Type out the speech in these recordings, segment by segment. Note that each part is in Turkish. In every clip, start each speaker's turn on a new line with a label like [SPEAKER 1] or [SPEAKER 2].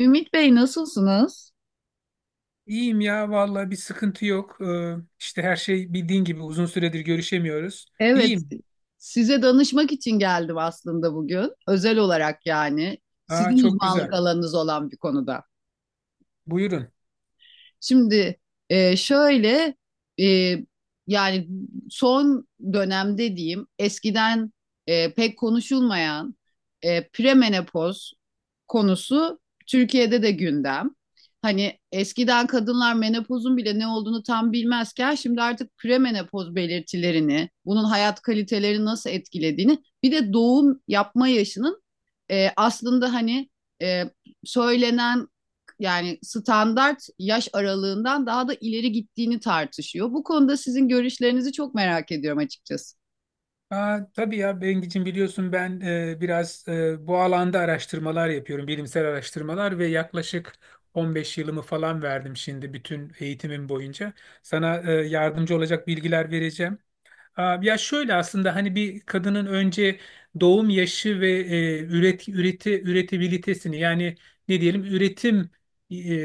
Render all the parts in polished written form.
[SPEAKER 1] Ümit Bey, nasılsınız?
[SPEAKER 2] İyiyim ya vallahi bir sıkıntı yok. İşte her şey bildiğin gibi uzun süredir görüşemiyoruz.
[SPEAKER 1] Evet,
[SPEAKER 2] İyiyim.
[SPEAKER 1] size danışmak için geldim aslında bugün. Özel olarak yani.
[SPEAKER 2] Aa,
[SPEAKER 1] Sizin
[SPEAKER 2] çok
[SPEAKER 1] uzmanlık
[SPEAKER 2] güzel.
[SPEAKER 1] alanınız olan bir konuda.
[SPEAKER 2] Buyurun.
[SPEAKER 1] Şimdi e, şöyle e, yani son dönemde diyeyim eskiden pek konuşulmayan premenopoz konusu Türkiye'de de gündem. Hani eskiden kadınlar menopozun bile ne olduğunu tam bilmezken şimdi artık premenopoz belirtilerini, bunun hayat kalitelerini nasıl etkilediğini, bir de doğum yapma yaşının aslında hani e, söylenen yani standart yaş aralığından daha da ileri gittiğini tartışıyor. Bu konuda sizin görüşlerinizi çok merak ediyorum açıkçası.
[SPEAKER 2] Aa, tabii ya Bengicim, biliyorsun ben biraz bu alanda araştırmalar yapıyorum. Bilimsel araştırmalar, ve yaklaşık 15 yılımı falan verdim şimdi, bütün eğitimim boyunca. Sana yardımcı olacak bilgiler vereceğim. Aa, ya şöyle, aslında hani bir kadının önce doğum yaşı ve üretebilitesini, yani ne diyelim, üretim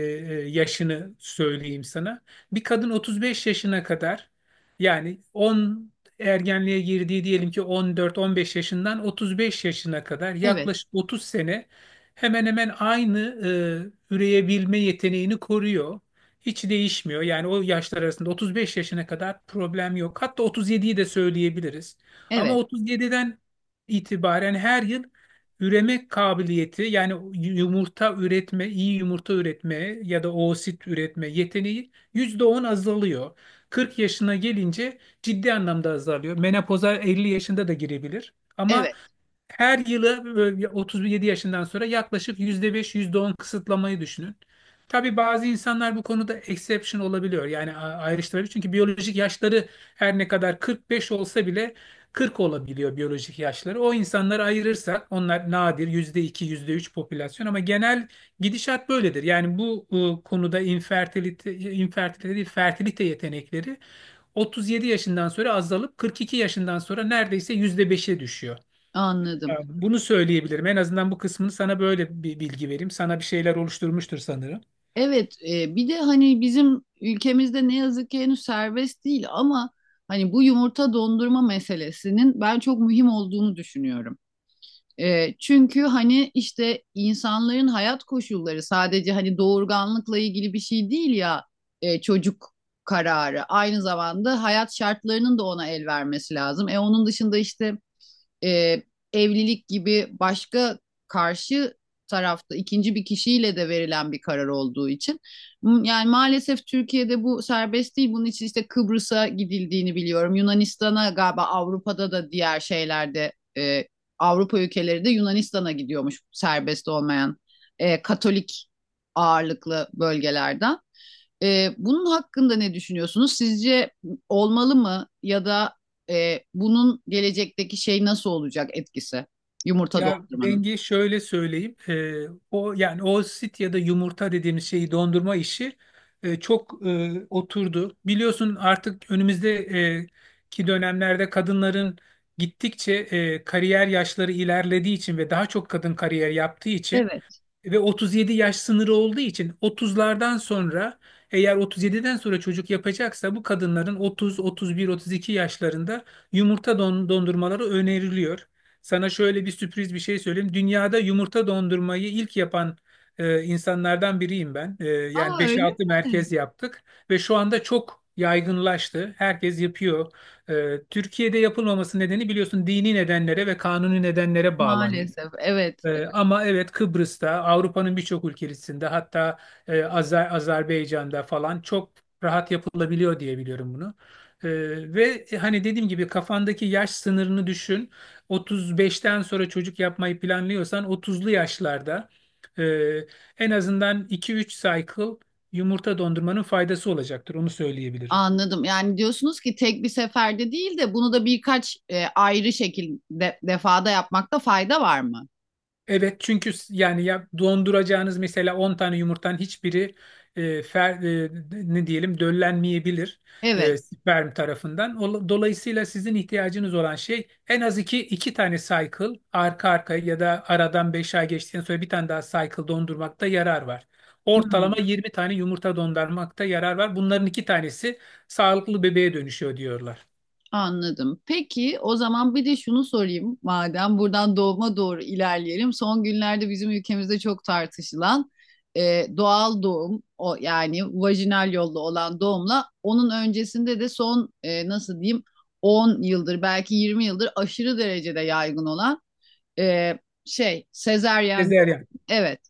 [SPEAKER 2] yaşını söyleyeyim sana. Bir kadın 35 yaşına kadar, yani ergenliğe girdiği, diyelim ki 14-15 yaşından 35 yaşına kadar,
[SPEAKER 1] Evet,
[SPEAKER 2] yaklaşık 30 sene hemen hemen aynı üreyebilme yeteneğini koruyor. Hiç değişmiyor. Yani o yaşlar arasında, 35 yaşına kadar problem yok. Hatta 37'yi de söyleyebiliriz. Ama
[SPEAKER 1] evet,
[SPEAKER 2] 37'den itibaren her yıl üreme kabiliyeti, yani yumurta üretme, iyi yumurta üretme ya da oosit üretme yeteneği %10 azalıyor. 40 yaşına gelince ciddi anlamda azalıyor. Menopoza 50 yaşında da girebilir. Ama
[SPEAKER 1] evet.
[SPEAKER 2] her yılı böyle 37 yaşından sonra yaklaşık %5, %10 kısıtlamayı düşünün. Tabii bazı insanlar bu konuda exception olabiliyor. Yani ayrıştırabilir. Çünkü biyolojik yaşları her ne kadar 45 olsa bile 40 olabiliyor biyolojik yaşları. O insanları ayırırsak, onlar nadir, %2, %3 popülasyon, ama genel gidişat böyledir. Yani bu konuda infertilite, infertilite değil, fertilite yetenekleri 37 yaşından sonra azalıp 42 yaşından sonra neredeyse %5'e düşüyor. Ya,
[SPEAKER 1] Anladım.
[SPEAKER 2] bunu söyleyebilirim. En azından bu kısmını, sana böyle bir bilgi vereyim. Sana bir şeyler oluşturmuştur sanırım.
[SPEAKER 1] Evet, bir de hani bizim ülkemizde ne yazık ki henüz serbest değil ama hani bu yumurta dondurma meselesinin ben çok mühim olduğunu düşünüyorum. E, çünkü hani işte insanların hayat koşulları sadece hani doğurganlıkla ilgili bir şey değil ya, çocuk kararı. Aynı zamanda hayat şartlarının da ona el vermesi lazım. E onun dışında işte e, evlilik gibi başka karşı tarafta ikinci bir kişiyle de verilen bir karar olduğu için. Yani maalesef Türkiye'de bu serbest değil. Bunun için işte Kıbrıs'a gidildiğini biliyorum. Yunanistan'a galiba Avrupa'da da diğer şeylerde Avrupa ülkeleri de Yunanistan'a gidiyormuş serbest olmayan Katolik ağırlıklı bölgelerden. Bunun hakkında ne düşünüyorsunuz? Sizce olmalı mı ya da bunun gelecekteki şey nasıl olacak etkisi yumurta
[SPEAKER 2] Ya
[SPEAKER 1] doldurmanın?
[SPEAKER 2] denge şöyle söyleyeyim. O, yani o sit ya da yumurta dediğimiz şeyi dondurma işi çok oturdu. Biliyorsun, artık önümüzdeki dönemlerde kadınların gittikçe kariyer yaşları ilerlediği için ve daha çok kadın kariyer yaptığı için
[SPEAKER 1] Evet.
[SPEAKER 2] ve 37 yaş sınırı olduğu için, 30'lardan sonra, eğer 37'den sonra çocuk yapacaksa bu kadınların 30, 31, 32 yaşlarında yumurta dondurmaları öneriliyor. Sana şöyle bir sürpriz bir şey söyleyeyim. Dünyada yumurta dondurmayı ilk yapan insanlardan biriyim ben. Yani
[SPEAKER 1] Aa, öyle
[SPEAKER 2] 5-6
[SPEAKER 1] mi?
[SPEAKER 2] merkez yaptık ve şu anda çok yaygınlaştı. Herkes yapıyor. Türkiye'de yapılmaması nedeni, biliyorsun, dini nedenlere ve kanuni nedenlere bağlanıyor.
[SPEAKER 1] Maalesef evet,
[SPEAKER 2] Ama evet, Kıbrıs'ta, Avrupa'nın birçok ülkesinde, hatta Azerbaycan'da falan çok rahat yapılabiliyor diye biliyorum bunu. Ve hani, dediğim gibi, kafandaki yaş sınırını düşün. 35'ten sonra çocuk yapmayı planlıyorsan, 30'lu yaşlarda e, en azından iki üç cycle yumurta dondurmanın faydası olacaktır. Onu söyleyebilirim.
[SPEAKER 1] anladım. Yani diyorsunuz ki tek bir seferde değil de bunu da birkaç ayrı şekilde defada yapmakta fayda var mı?
[SPEAKER 2] Evet, çünkü yani ya, donduracağınız mesela 10 tane yumurtanın hiçbiri ne diyelim, döllenmeyebilir
[SPEAKER 1] Evet.
[SPEAKER 2] sperm tarafından. Dolayısıyla sizin ihtiyacınız olan şey, en az iki, iki tane cycle arka arkaya ya da aradan 5 ay geçtikten sonra bir tane daha cycle dondurmakta yarar var. Ortalama
[SPEAKER 1] Hmm.
[SPEAKER 2] 20 tane yumurta dondurmakta yarar var. Bunların iki tanesi sağlıklı bebeğe dönüşüyor diyorlar.
[SPEAKER 1] Anladım. Peki, o zaman bir de şunu sorayım, madem buradan doğuma doğru ilerleyelim. Son günlerde bizim ülkemizde çok tartışılan doğal doğum o yani vajinal yolla olan doğumla onun öncesinde de son e, nasıl diyeyim 10 yıldır belki 20 yıldır aşırı derecede yaygın olan e, şey sezeryen
[SPEAKER 2] Sezeryan.
[SPEAKER 1] doğum. Evet.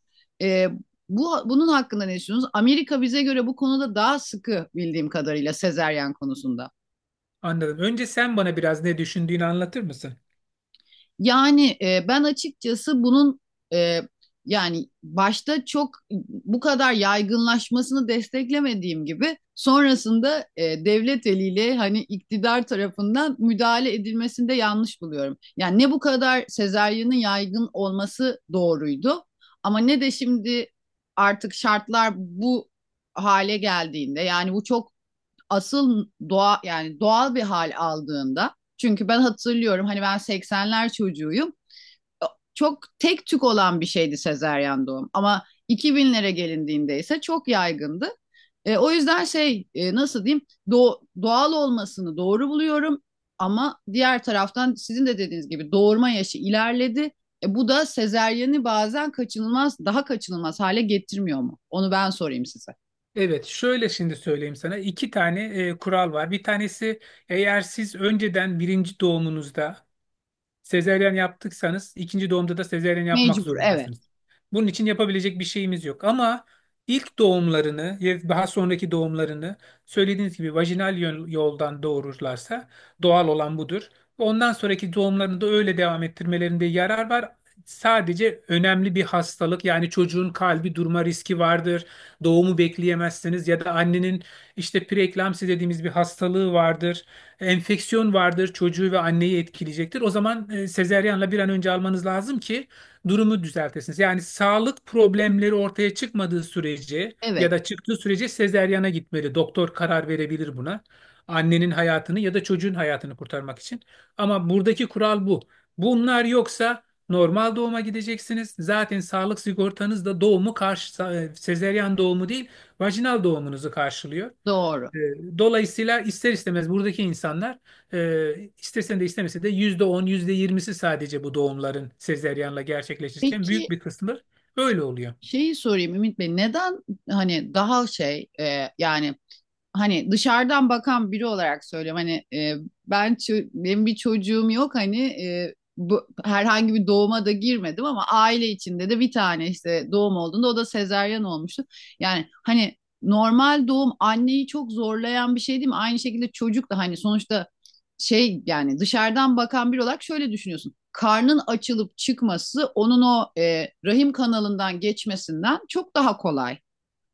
[SPEAKER 1] E, bu bunun hakkında ne düşünüyorsunuz? Amerika bize göre bu konuda daha sıkı bildiğim kadarıyla sezeryen konusunda.
[SPEAKER 2] Anladım. Önce sen bana biraz ne düşündüğünü anlatır mısın?
[SPEAKER 1] Yani ben açıkçası bunun e, yani başta çok bu kadar yaygınlaşmasını desteklemediğim gibi sonrasında devlet eliyle hani iktidar tarafından müdahale edilmesini de yanlış buluyorum. Yani ne bu kadar sezaryenin yaygın olması doğruydu ama ne de şimdi artık şartlar bu hale geldiğinde, yani bu çok asıl doğa yani doğal bir hal aldığında, çünkü ben hatırlıyorum hani, ben seksenler çocuğuyum. Çok tek tük olan bir şeydi sezeryan doğum, ama 2000'lere gelindiğinde ise çok yaygındı. E, o yüzden şey, doğal olmasını doğru buluyorum ama diğer taraftan sizin de dediğiniz gibi doğurma yaşı ilerledi. E, bu da sezeryeni bazen kaçınılmaz, daha kaçınılmaz hale getirmiyor mu? Onu ben sorayım size.
[SPEAKER 2] Evet, şöyle şimdi söyleyeyim sana. İki tane kural var. Bir tanesi: eğer siz önceden birinci doğumunuzda sezeryen yaptıysanız, ikinci doğumda da sezeryen yapmak
[SPEAKER 1] Mecbur, evet,
[SPEAKER 2] zorundasınız. Bunun için yapabilecek bir şeyimiz yok. Ama ilk doğumlarını ya daha sonraki doğumlarını, söylediğiniz gibi, vajinal yoldan doğururlarsa, doğal olan budur. Ve ondan sonraki doğumlarını da öyle devam ettirmelerinde yarar var. Sadece önemli bir hastalık, yani çocuğun kalbi durma riski vardır. Doğumu bekleyemezsiniz, ya da annenin işte preeklamsi dediğimiz bir hastalığı vardır, enfeksiyon vardır, çocuğu ve anneyi etkileyecektir. O zaman sezeryanla bir an önce almanız lazım ki durumu düzeltesiniz. Yani sağlık problemleri ortaya çıkmadığı sürece ya
[SPEAKER 1] evet,
[SPEAKER 2] da çıktığı sürece sezeryana gitmeli. Doktor karar verebilir buna, annenin hayatını ya da çocuğun hayatını kurtarmak için. Ama buradaki kural bu. Bunlar yoksa normal doğuma gideceksiniz. Zaten sağlık sigortanız da doğumu karşı, sezeryan doğumu değil, vajinal doğumunuzu karşılıyor.
[SPEAKER 1] doğru.
[SPEAKER 2] E, Dolayısıyla ister istemez buradaki insanlar, istesen de istemese de %10, %20'si sadece bu doğumların sezeryanla gerçekleşirken büyük
[SPEAKER 1] Peki,
[SPEAKER 2] bir kısmı öyle oluyor.
[SPEAKER 1] şeyi sorayım Ümit Bey, neden hani daha şey, yani hani dışarıdan bakan biri olarak söylüyorum hani, benim bir çocuğum yok hani, bu, herhangi bir doğuma da girmedim, ama aile içinde de bir tane işte doğum olduğunda o da sezaryen olmuştu. Yani hani normal doğum anneyi çok zorlayan bir şey değil mi? Aynı şekilde çocuk da hani sonuçta şey, yani dışarıdan bakan biri olarak şöyle düşünüyorsun. Karnın açılıp çıkması onun o rahim kanalından geçmesinden çok daha kolay.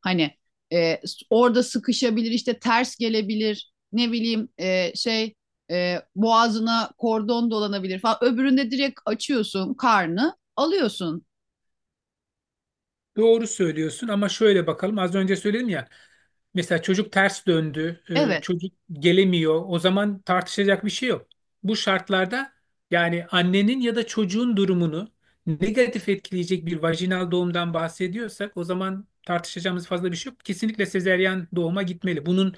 [SPEAKER 1] Hani e, orada sıkışabilir, işte ters gelebilir, ne bileyim boğazına kordon dolanabilir falan. Öbüründe direkt açıyorsun, karnı alıyorsun.
[SPEAKER 2] Doğru söylüyorsun, ama şöyle bakalım. Az önce söyledim ya. Mesela çocuk ters döndü,
[SPEAKER 1] Evet,
[SPEAKER 2] çocuk gelemiyor. O zaman tartışacak bir şey yok. Bu şartlarda, yani annenin ya da çocuğun durumunu negatif etkileyecek bir vajinal doğumdan bahsediyorsak, o zaman tartışacağımız fazla bir şey yok. Kesinlikle sezeryan doğuma gitmeli. Bunun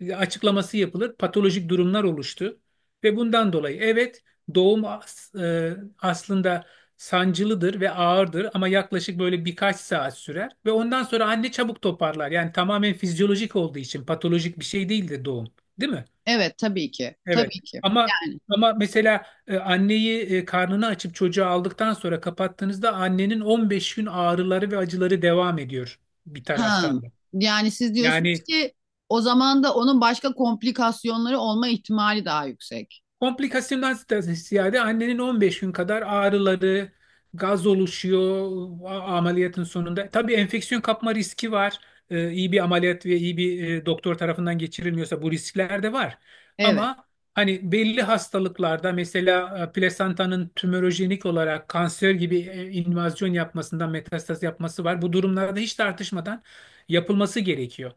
[SPEAKER 2] açıklaması yapılır. Patolojik durumlar oluştu ve bundan dolayı, evet, doğum aslında sancılıdır ve ağırdır, ama yaklaşık böyle birkaç saat sürer ve ondan sonra anne çabuk toparlar. Yani tamamen fizyolojik olduğu için patolojik bir şey değildir doğum, değil mi?
[SPEAKER 1] evet, tabii ki,
[SPEAKER 2] Evet.
[SPEAKER 1] tabii ki.
[SPEAKER 2] Ama
[SPEAKER 1] Yani,
[SPEAKER 2] ama mesela anneyi, karnını açıp çocuğu aldıktan sonra kapattığınızda annenin 15 gün ağrıları ve acıları devam ediyor, bir
[SPEAKER 1] ha,
[SPEAKER 2] taraftan da.
[SPEAKER 1] yani siz diyorsunuz
[SPEAKER 2] Yani
[SPEAKER 1] ki o zaman da onun başka komplikasyonları olma ihtimali daha yüksek.
[SPEAKER 2] komplikasyondan ziyade annenin 15 gün kadar ağrıları, gaz oluşuyor ameliyatın sonunda. Tabii enfeksiyon kapma riski var. İyi bir ameliyat ve iyi bir doktor tarafından geçirilmiyorsa bu riskler de var.
[SPEAKER 1] Evet,
[SPEAKER 2] Ama hani belli hastalıklarda, mesela plasentanın tümörojenik olarak kanser gibi invazyon yapmasından metastaz yapması var. Bu durumlarda hiç tartışmadan yapılması gerekiyor.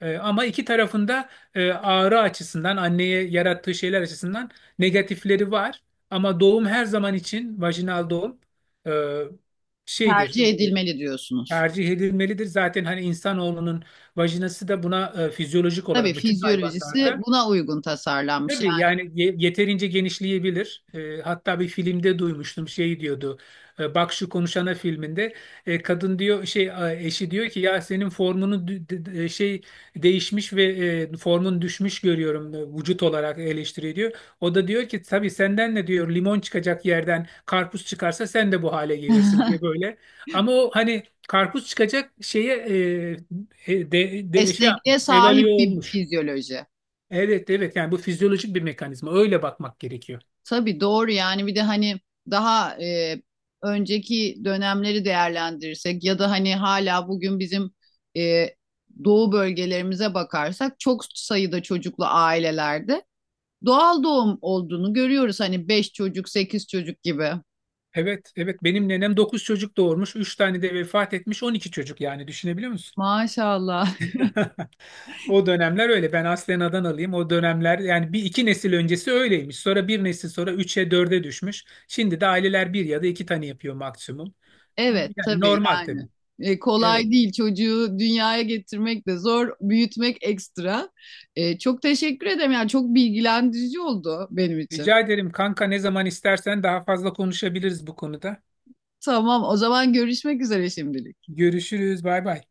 [SPEAKER 2] Ama iki tarafında ağrı açısından, anneye yarattığı şeyler açısından negatifleri var. Ama doğum her zaman için vajinal doğum e, şeydir,
[SPEAKER 1] tercih
[SPEAKER 2] e,
[SPEAKER 1] edilmeli diyorsunuz.
[SPEAKER 2] tercih edilmelidir. Zaten hani insanoğlunun vajinası da buna fizyolojik
[SPEAKER 1] Tabii,
[SPEAKER 2] olarak bütün
[SPEAKER 1] fizyolojisi
[SPEAKER 2] hayvanlarda.
[SPEAKER 1] buna uygun tasarlanmış.
[SPEAKER 2] Tabii, yani yeterince genişleyebilir. Hatta bir filmde duymuştum, şey diyordu. Bak Şu Konuşana filminde kadın diyor, şey, eşi diyor ki, ya senin formunu şey değişmiş ve formun düşmüş görüyorum, vücut olarak eleştiriyor diyor. O da diyor ki, tabii, senden ne diyor, limon çıkacak yerden karpuz çıkarsa sen de bu hale gelirsin
[SPEAKER 1] Yani
[SPEAKER 2] diye, böyle. Ama o hani karpuz çıkacak şeye e, e, de, de, şey yapmış,
[SPEAKER 1] esnekliğe
[SPEAKER 2] evalüe
[SPEAKER 1] sahip bir
[SPEAKER 2] olmuş.
[SPEAKER 1] fizyoloji.
[SPEAKER 2] Evet evet, yani bu fizyolojik bir mekanizma, öyle bakmak gerekiyor.
[SPEAKER 1] Tabii, doğru yani. Bir de hani daha önceki dönemleri değerlendirirsek ya da hani hala bugün bizim e, doğu bölgelerimize bakarsak çok sayıda çocuklu ailelerde doğal doğum olduğunu görüyoruz. Hani 5 çocuk, 8 çocuk gibi.
[SPEAKER 2] Evet evet, benim nenem 9 çocuk doğurmuş, 3 tane de vefat etmiş, 12 çocuk yani, düşünebiliyor musun?
[SPEAKER 1] Maşallah.
[SPEAKER 2] O dönemler öyle. Ben aslen Adanalıyım. O dönemler, yani bir iki nesil öncesi öyleymiş, sonra bir nesil sonra 3'e dörde düşmüş. Şimdi de aileler bir ya da iki tane yapıyor maksimum.
[SPEAKER 1] Evet,
[SPEAKER 2] Yani
[SPEAKER 1] tabii
[SPEAKER 2] normal,
[SPEAKER 1] yani.
[SPEAKER 2] tabii.
[SPEAKER 1] E,
[SPEAKER 2] Evet,
[SPEAKER 1] kolay değil, çocuğu dünyaya getirmek de zor, büyütmek ekstra. E, çok teşekkür ederim, yani çok bilgilendirici oldu benim için.
[SPEAKER 2] rica ederim kanka, ne zaman istersen daha fazla konuşabiliriz bu konuda.
[SPEAKER 1] Tamam, o zaman görüşmek üzere şimdilik.
[SPEAKER 2] Görüşürüz, bay bay.